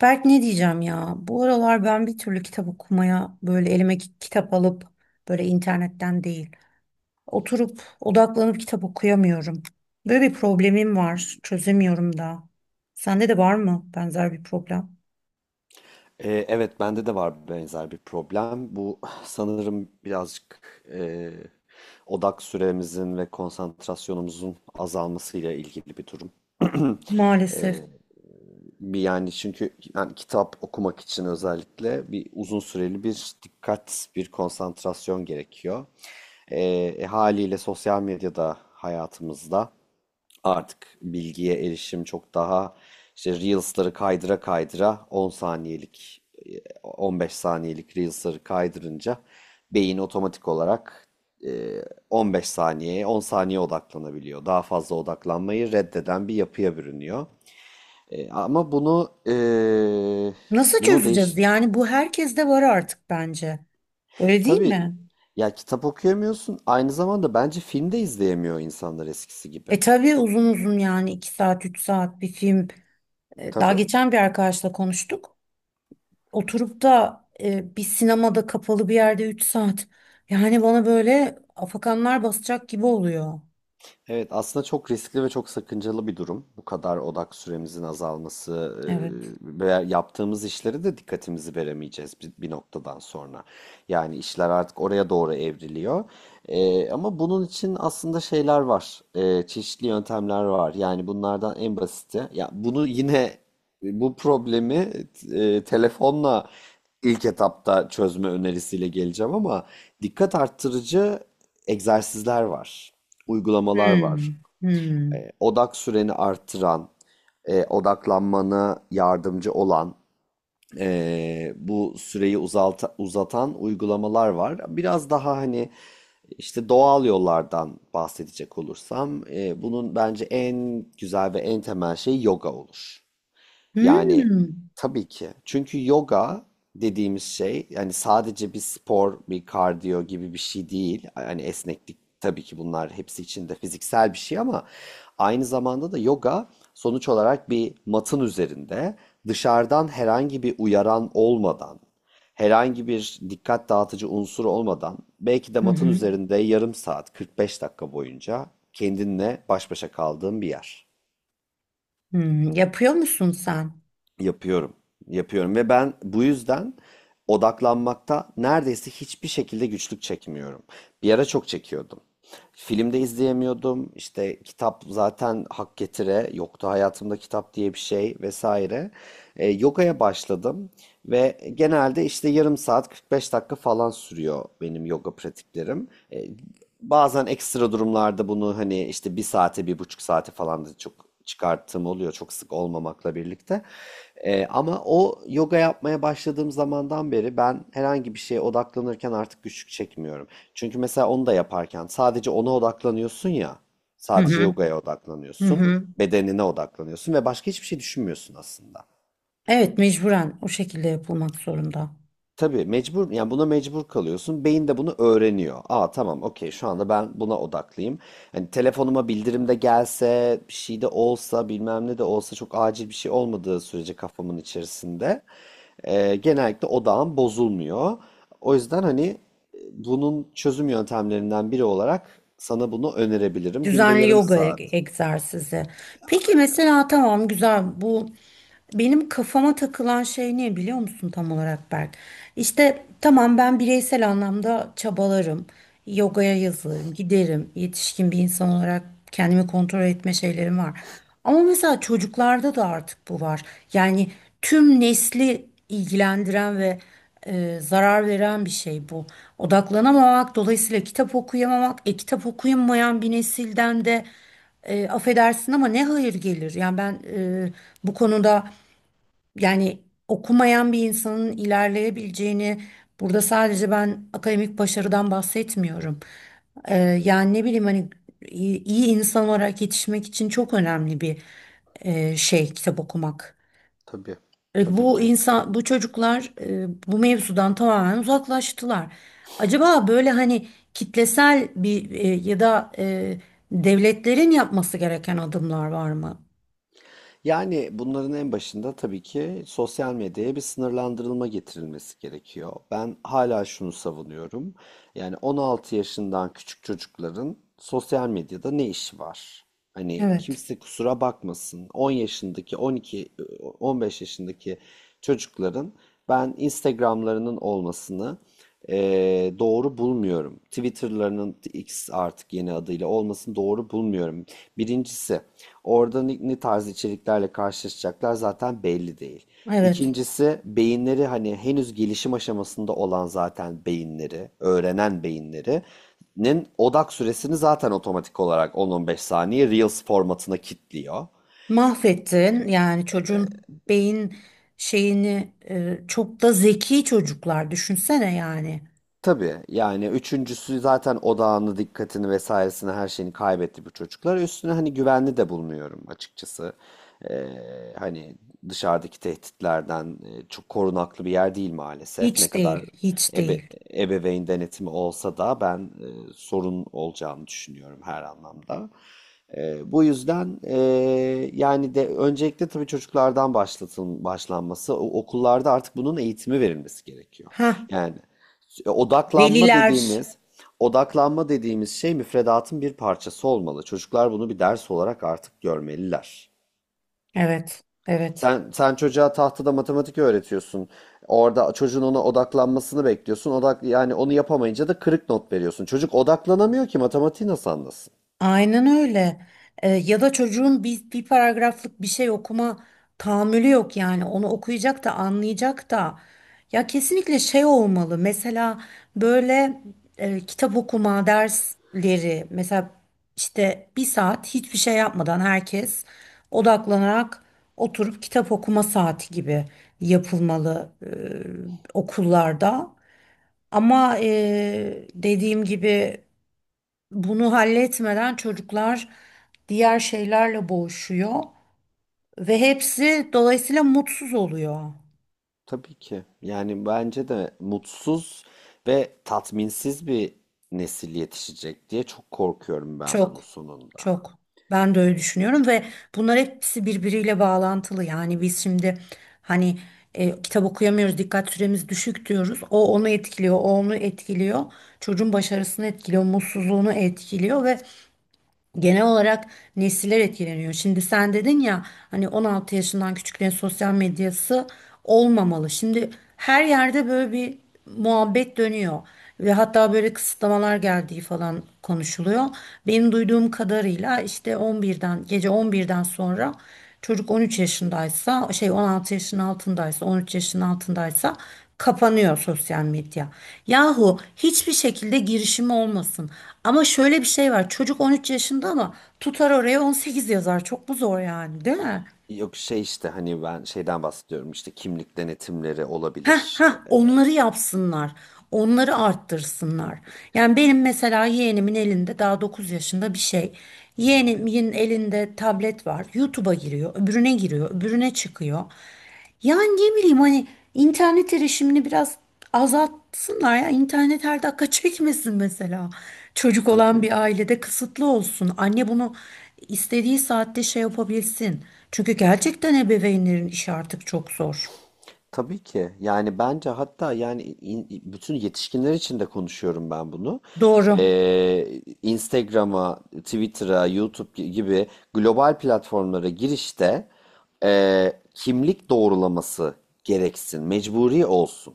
Berk, ne diyeceğim ya? Bu aralar ben bir türlü kitap okumaya böyle elime kitap alıp böyle internetten değil, oturup odaklanıp kitap okuyamıyorum. Böyle bir problemim var. Çözemiyorum da. Sende de var mı benzer bir problem? Evet, bende de var benzer bir problem. Bu sanırım birazcık e, odak süremizin ve konsantrasyonumuzun azalmasıyla ilgili bir durum. Maalesef. Bir yani çünkü yani kitap okumak için özellikle bir uzun süreli bir dikkat, bir konsantrasyon gerekiyor. Ee, Haliyle sosyal medyada hayatımızda. Artık bilgiye erişim çok daha işte Reels'ları kaydıra kaydıra 10 saniyelik, 15 saniyelik Reels'ları kaydırınca beyin otomatik olarak e, 15 saniyeye 10 saniye odaklanabiliyor. Daha fazla odaklanmayı reddeden bir yapıya bürünüyor. E, ama bunu e, Nasıl bunu değiş çözeceğiz? Yani bu herkeste var artık bence. Öyle değil tabii mi? ya, kitap okuyamıyorsun, aynı zamanda bence film de izleyemiyor insanlar eskisi gibi. E tabii uzun uzun, yani 2 saat 3 saat bir film. Daha Tabii. geçen bir arkadaşla konuştuk. Oturup da bir sinemada kapalı bir yerde 3 saat. Yani bana böyle afakanlar basacak gibi oluyor. Evet, aslında çok riskli ve çok sakıncalı bir durum. Bu kadar odak süremizin azalması Evet. e, ve yaptığımız işlere de dikkatimizi veremeyeceğiz bir noktadan sonra. Yani işler artık oraya doğru evriliyor. E, ama bunun için aslında şeyler var, çeşitli yöntemler var. Yani bunlardan en basiti, ya bunu yine bu problemi telefonla ilk etapta çözme önerisiyle geleceğim ama dikkat arttırıcı egzersizler var, uygulamalar var. Hmm. Hmm. E, odak süreni arttıran, odaklanmana yardımcı olan, bu süreyi uzatan uygulamalar var. Biraz daha hani işte doğal yollardan bahsedecek olursam, bunun bence en güzel ve en temel şey yoga olur. Yani Hmm. tabii ki. Çünkü yoga dediğimiz şey yani sadece bir spor, bir kardiyo gibi bir şey değil. Yani esneklik tabii ki bunlar hepsi içinde fiziksel bir şey ama aynı zamanda da yoga sonuç olarak bir matın üzerinde dışarıdan herhangi bir uyaran olmadan herhangi bir dikkat dağıtıcı unsur olmadan belki de Hı matın hı. üzerinde yarım saat 45 dakika boyunca kendinle baş başa kaldığın bir yer. Hmm. Yapıyor musun sen? Yapıyorum. Yapıyorum ve ben bu yüzden odaklanmakta neredeyse hiçbir şekilde güçlük çekmiyorum. Bir ara çok çekiyordum. Filmde izleyemiyordum. İşte kitap zaten hak getire. Yoktu hayatımda kitap diye bir şey vesaire. E, yogaya başladım ve genelde işte yarım saat 45 dakika falan sürüyor benim yoga pratiklerim. E, bazen ekstra durumlarda bunu hani işte bir saate 1,5 saate falan da çok çıkarttığım oluyor, çok sık olmamakla birlikte. Ama o yoga yapmaya başladığım zamandan beri ben herhangi bir şeye odaklanırken artık güçlük çekmiyorum. Çünkü mesela onu da yaparken sadece ona odaklanıyorsun ya, Hı sadece hı. yogaya Hı odaklanıyorsun, hı. bedenine odaklanıyorsun ve başka hiçbir şey düşünmüyorsun aslında. Evet, mecburen o şekilde yapılmak zorunda. Tabii mecbur, yani buna mecbur kalıyorsun. Beyin de bunu öğreniyor. Aa tamam okey şu anda ben buna odaklıyım. Hani telefonuma bildirim de gelse, bir şey de olsa, bilmem ne de olsa çok acil bir şey olmadığı sürece kafamın içerisinde. Genellikle odağım bozulmuyor. O yüzden hani bunun çözüm yöntemlerinden biri olarak sana bunu önerebilirim. Günde Düzenli yarım yoga saat. Egzersizi. Peki mesela, tamam, güzel bu, benim kafama takılan şey ne biliyor musun tam olarak Berk? İşte tamam, ben bireysel anlamda çabalarım. Yogaya yazılırım, giderim. Yetişkin bir insan olarak kendimi kontrol etme şeylerim var. Ama mesela çocuklarda da artık bu var. Yani tüm nesli ilgilendiren ve zarar veren bir şey bu. Odaklanamamak, dolayısıyla kitap okuyamamak, kitap okuyamayan bir nesilden de, affedersin ama, ne hayır gelir? Yani ben, bu konuda, yani okumayan bir insanın ilerleyebileceğini, burada sadece ben akademik başarıdan bahsetmiyorum. Yani ne bileyim, hani iyi insan olarak yetişmek için çok önemli bir şey kitap okumak. Tabii, tabii Bu ki. insan, bu çocuklar bu mevzudan tamamen uzaklaştılar. Acaba böyle hani kitlesel bir ya da devletlerin yapması gereken adımlar var mı? Yani bunların en başında tabii ki sosyal medyaya bir sınırlandırılma getirilmesi gerekiyor. Ben hala şunu savunuyorum. Yani 16 yaşından küçük çocukların sosyal medyada ne işi var? Hani Evet, kimse kusura bakmasın. 10 yaşındaki, 12, 15 yaşındaki çocukların ben Instagram'larının olmasını doğru bulmuyorum. Twitter'larının X artık yeni adıyla olmasını doğru bulmuyorum. Birincisi, orada ne tarz içeriklerle karşılaşacaklar zaten belli değil. evet. İkincisi, beyinleri hani henüz gelişim aşamasında olan zaten beyinleri, öğrenen beyinleri'nin odak süresini zaten otomatik olarak 10-15 saniye Reels formatına kilitliyor. Mahvettin yani çocuğun beyin şeyini, çok da zeki çocuklar düşünsene yani. Tabii yani üçüncüsü zaten odağını, dikkatini vesairesini her şeyini kaybetti bu çocuklar. Üstüne hani güvenli de bulmuyorum açıkçası. Ee, Hani dışarıdaki tehditlerden çok korunaklı bir yer değil maalesef. Ne Hiç kadar değil, hiç ebe- değil. ebeveyn denetimi olsa da ben sorun olacağını düşünüyorum her anlamda. Bu yüzden e, yani de öncelikle tabii çocuklardan başlanması, okullarda artık bunun eğitimi verilmesi gerekiyor. Ha, Yani e, odaklanma veliler. dediğimiz odaklanma dediğimiz şey müfredatın bir parçası olmalı. Çocuklar bunu bir ders olarak artık görmeliler. Evet, evet. Sen çocuğa tahtada matematik öğretiyorsun. Orada çocuğun ona odaklanmasını bekliyorsun. Odak yani onu yapamayınca da kırık not veriyorsun. Çocuk odaklanamıyor ki matematiği nasıl anlasın? Aynen öyle. Ya da çocuğun bir paragraflık bir şey okuma tahammülü yok yani. Onu okuyacak da anlayacak da. Ya kesinlikle şey olmalı. Mesela böyle kitap okuma dersleri mesela, işte bir saat hiçbir şey yapmadan herkes odaklanarak oturup kitap okuma saati gibi yapılmalı okullarda. Ama, dediğim gibi, bunu halletmeden çocuklar diğer şeylerle boğuşuyor ve hepsi dolayısıyla mutsuz oluyor. Tabii ki. Yani bence de mutsuz ve tatminsiz bir nesil yetişecek diye çok korkuyorum ben Çok, bunun sonunda. çok. Ben de öyle düşünüyorum ve bunlar hepsi birbiriyle bağlantılı. Yani biz şimdi hani kitap okuyamıyoruz, dikkat süremiz düşük diyoruz. O onu etkiliyor, o onu etkiliyor. Çocuğun başarısını etkiliyor, mutsuzluğunu etkiliyor ve genel olarak nesiller etkileniyor. Şimdi sen dedin ya, hani 16 yaşından küçüklerin sosyal medyası olmamalı. Şimdi her yerde böyle bir muhabbet dönüyor ve hatta böyle kısıtlamalar geldiği falan konuşuluyor. Benim duyduğum kadarıyla işte 11'den gece 11'den sonra, çocuk 13 yaşındaysa, şey, 16 yaşın altındaysa 13 yaşın altındaysa kapanıyor sosyal medya. Yahu hiçbir şekilde girişimi olmasın. Ama şöyle bir şey var: çocuk 13 yaşında ama tutar oraya 18 yazar. Çok mu zor yani, değil mi? Yok şey işte hani ben şeyden bahsediyorum, işte kimlik denetimleri Heh, olabilir. heh, onları yapsınlar. Onları arttırsınlar. Yani benim mesela yeğenimin elinde daha 9 yaşında bir şey. Yeğenimin elinde tablet var. YouTube'a giriyor, öbürüne giriyor, öbürüne çıkıyor. Yani ne bileyim, hani internet erişimini biraz azaltsınlar ya. İnternet her dakika çekmesin mesela. Çocuk olan Tabii. bir ailede kısıtlı olsun. Anne bunu istediği saatte şey yapabilsin. Çünkü gerçekten ebeveynlerin işi artık çok zor. Tabii ki. Yani bence hatta bütün yetişkinler için de konuşuyorum ben bunu. Doğru. Instagram'a, Twitter'a, YouTube gibi global platformlara girişte kimlik doğrulaması gereksin, mecburi olsun.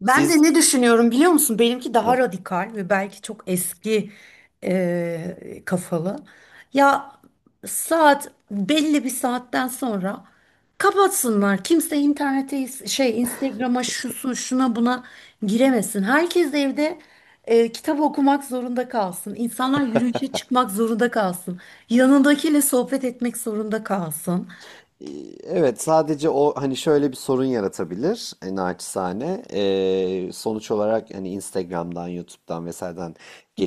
Ben de Siz. ne düşünüyorum biliyor musun? Benimki daha radikal ve belki çok eski kafalı. Ya, saat belli bir saatten sonra kapatsınlar. Kimse internete, şey, Instagram'a, şusun şuna buna giremesin. Herkes evde kitap okumak zorunda kalsın. İnsanlar yürüyüşe çıkmak zorunda kalsın. Yanındakiyle sohbet etmek zorunda kalsın. Ee, Evet, sadece o hani şöyle bir sorun yaratabilir, naçizane. Sonuç olarak hani Instagram'dan, YouTube'dan vesaireden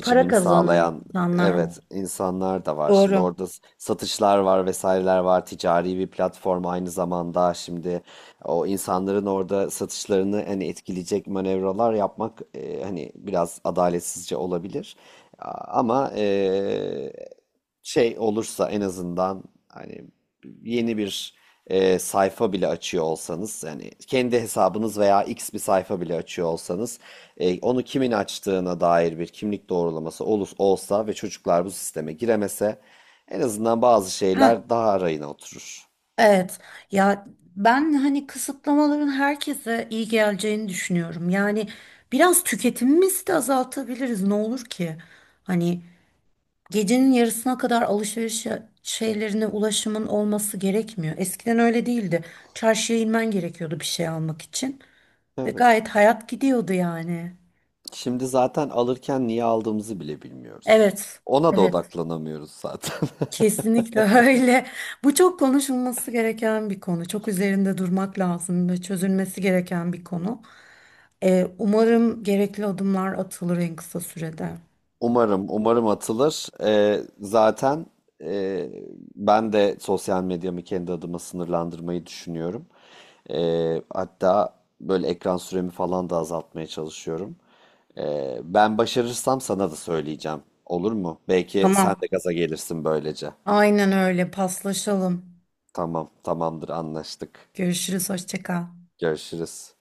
Para kazanan sağlayan insanlar evet var. insanlar da var. Şimdi Doğru. orada satışlar var, vesaireler var. Ticari bir platform aynı zamanda şimdi o insanların orada satışlarını hani etkileyecek manevralar yapmak hani biraz adaletsizce olabilir. Ama şey olursa en azından hani yeni bir sayfa bile açıyor olsanız yani kendi hesabınız veya X bir sayfa bile açıyor olsanız onu kimin açtığına dair bir kimlik doğrulaması olsa ve çocuklar bu sisteme giremese en azından bazı Heh, şeyler daha arayına oturur. evet ya, ben hani kısıtlamaların herkese iyi geleceğini düşünüyorum. Yani biraz tüketimimizi de azaltabiliriz, ne olur ki? Hani gecenin yarısına kadar alışveriş şeylerine ulaşımın olması gerekmiyor. Eskiden öyle değildi. Çarşıya inmen gerekiyordu bir şey almak için ve Evet. gayet hayat gidiyordu yani. Şimdi zaten alırken niye aldığımızı bile bilmiyoruz. Evet, Ona da evet. odaklanamıyoruz zaten. Kesinlikle öyle. Bu çok konuşulması gereken bir konu. Çok üzerinde durmak lazım ve çözülmesi gereken bir konu. Umarım gerekli adımlar atılır en kısa sürede. Umarım, umarım atılır. Zaten e, ben de sosyal medyamı kendi adıma sınırlandırmayı düşünüyorum. Hatta böyle ekran süremi falan da azaltmaya çalışıyorum. Ben başarırsam sana da söyleyeceğim. Olur mu? Belki sen de Tamam. gaza gelirsin böylece. Aynen öyle. Paslaşalım. Tamam, tamamdır, anlaştık. Görüşürüz. Hoşça kal. Görüşürüz.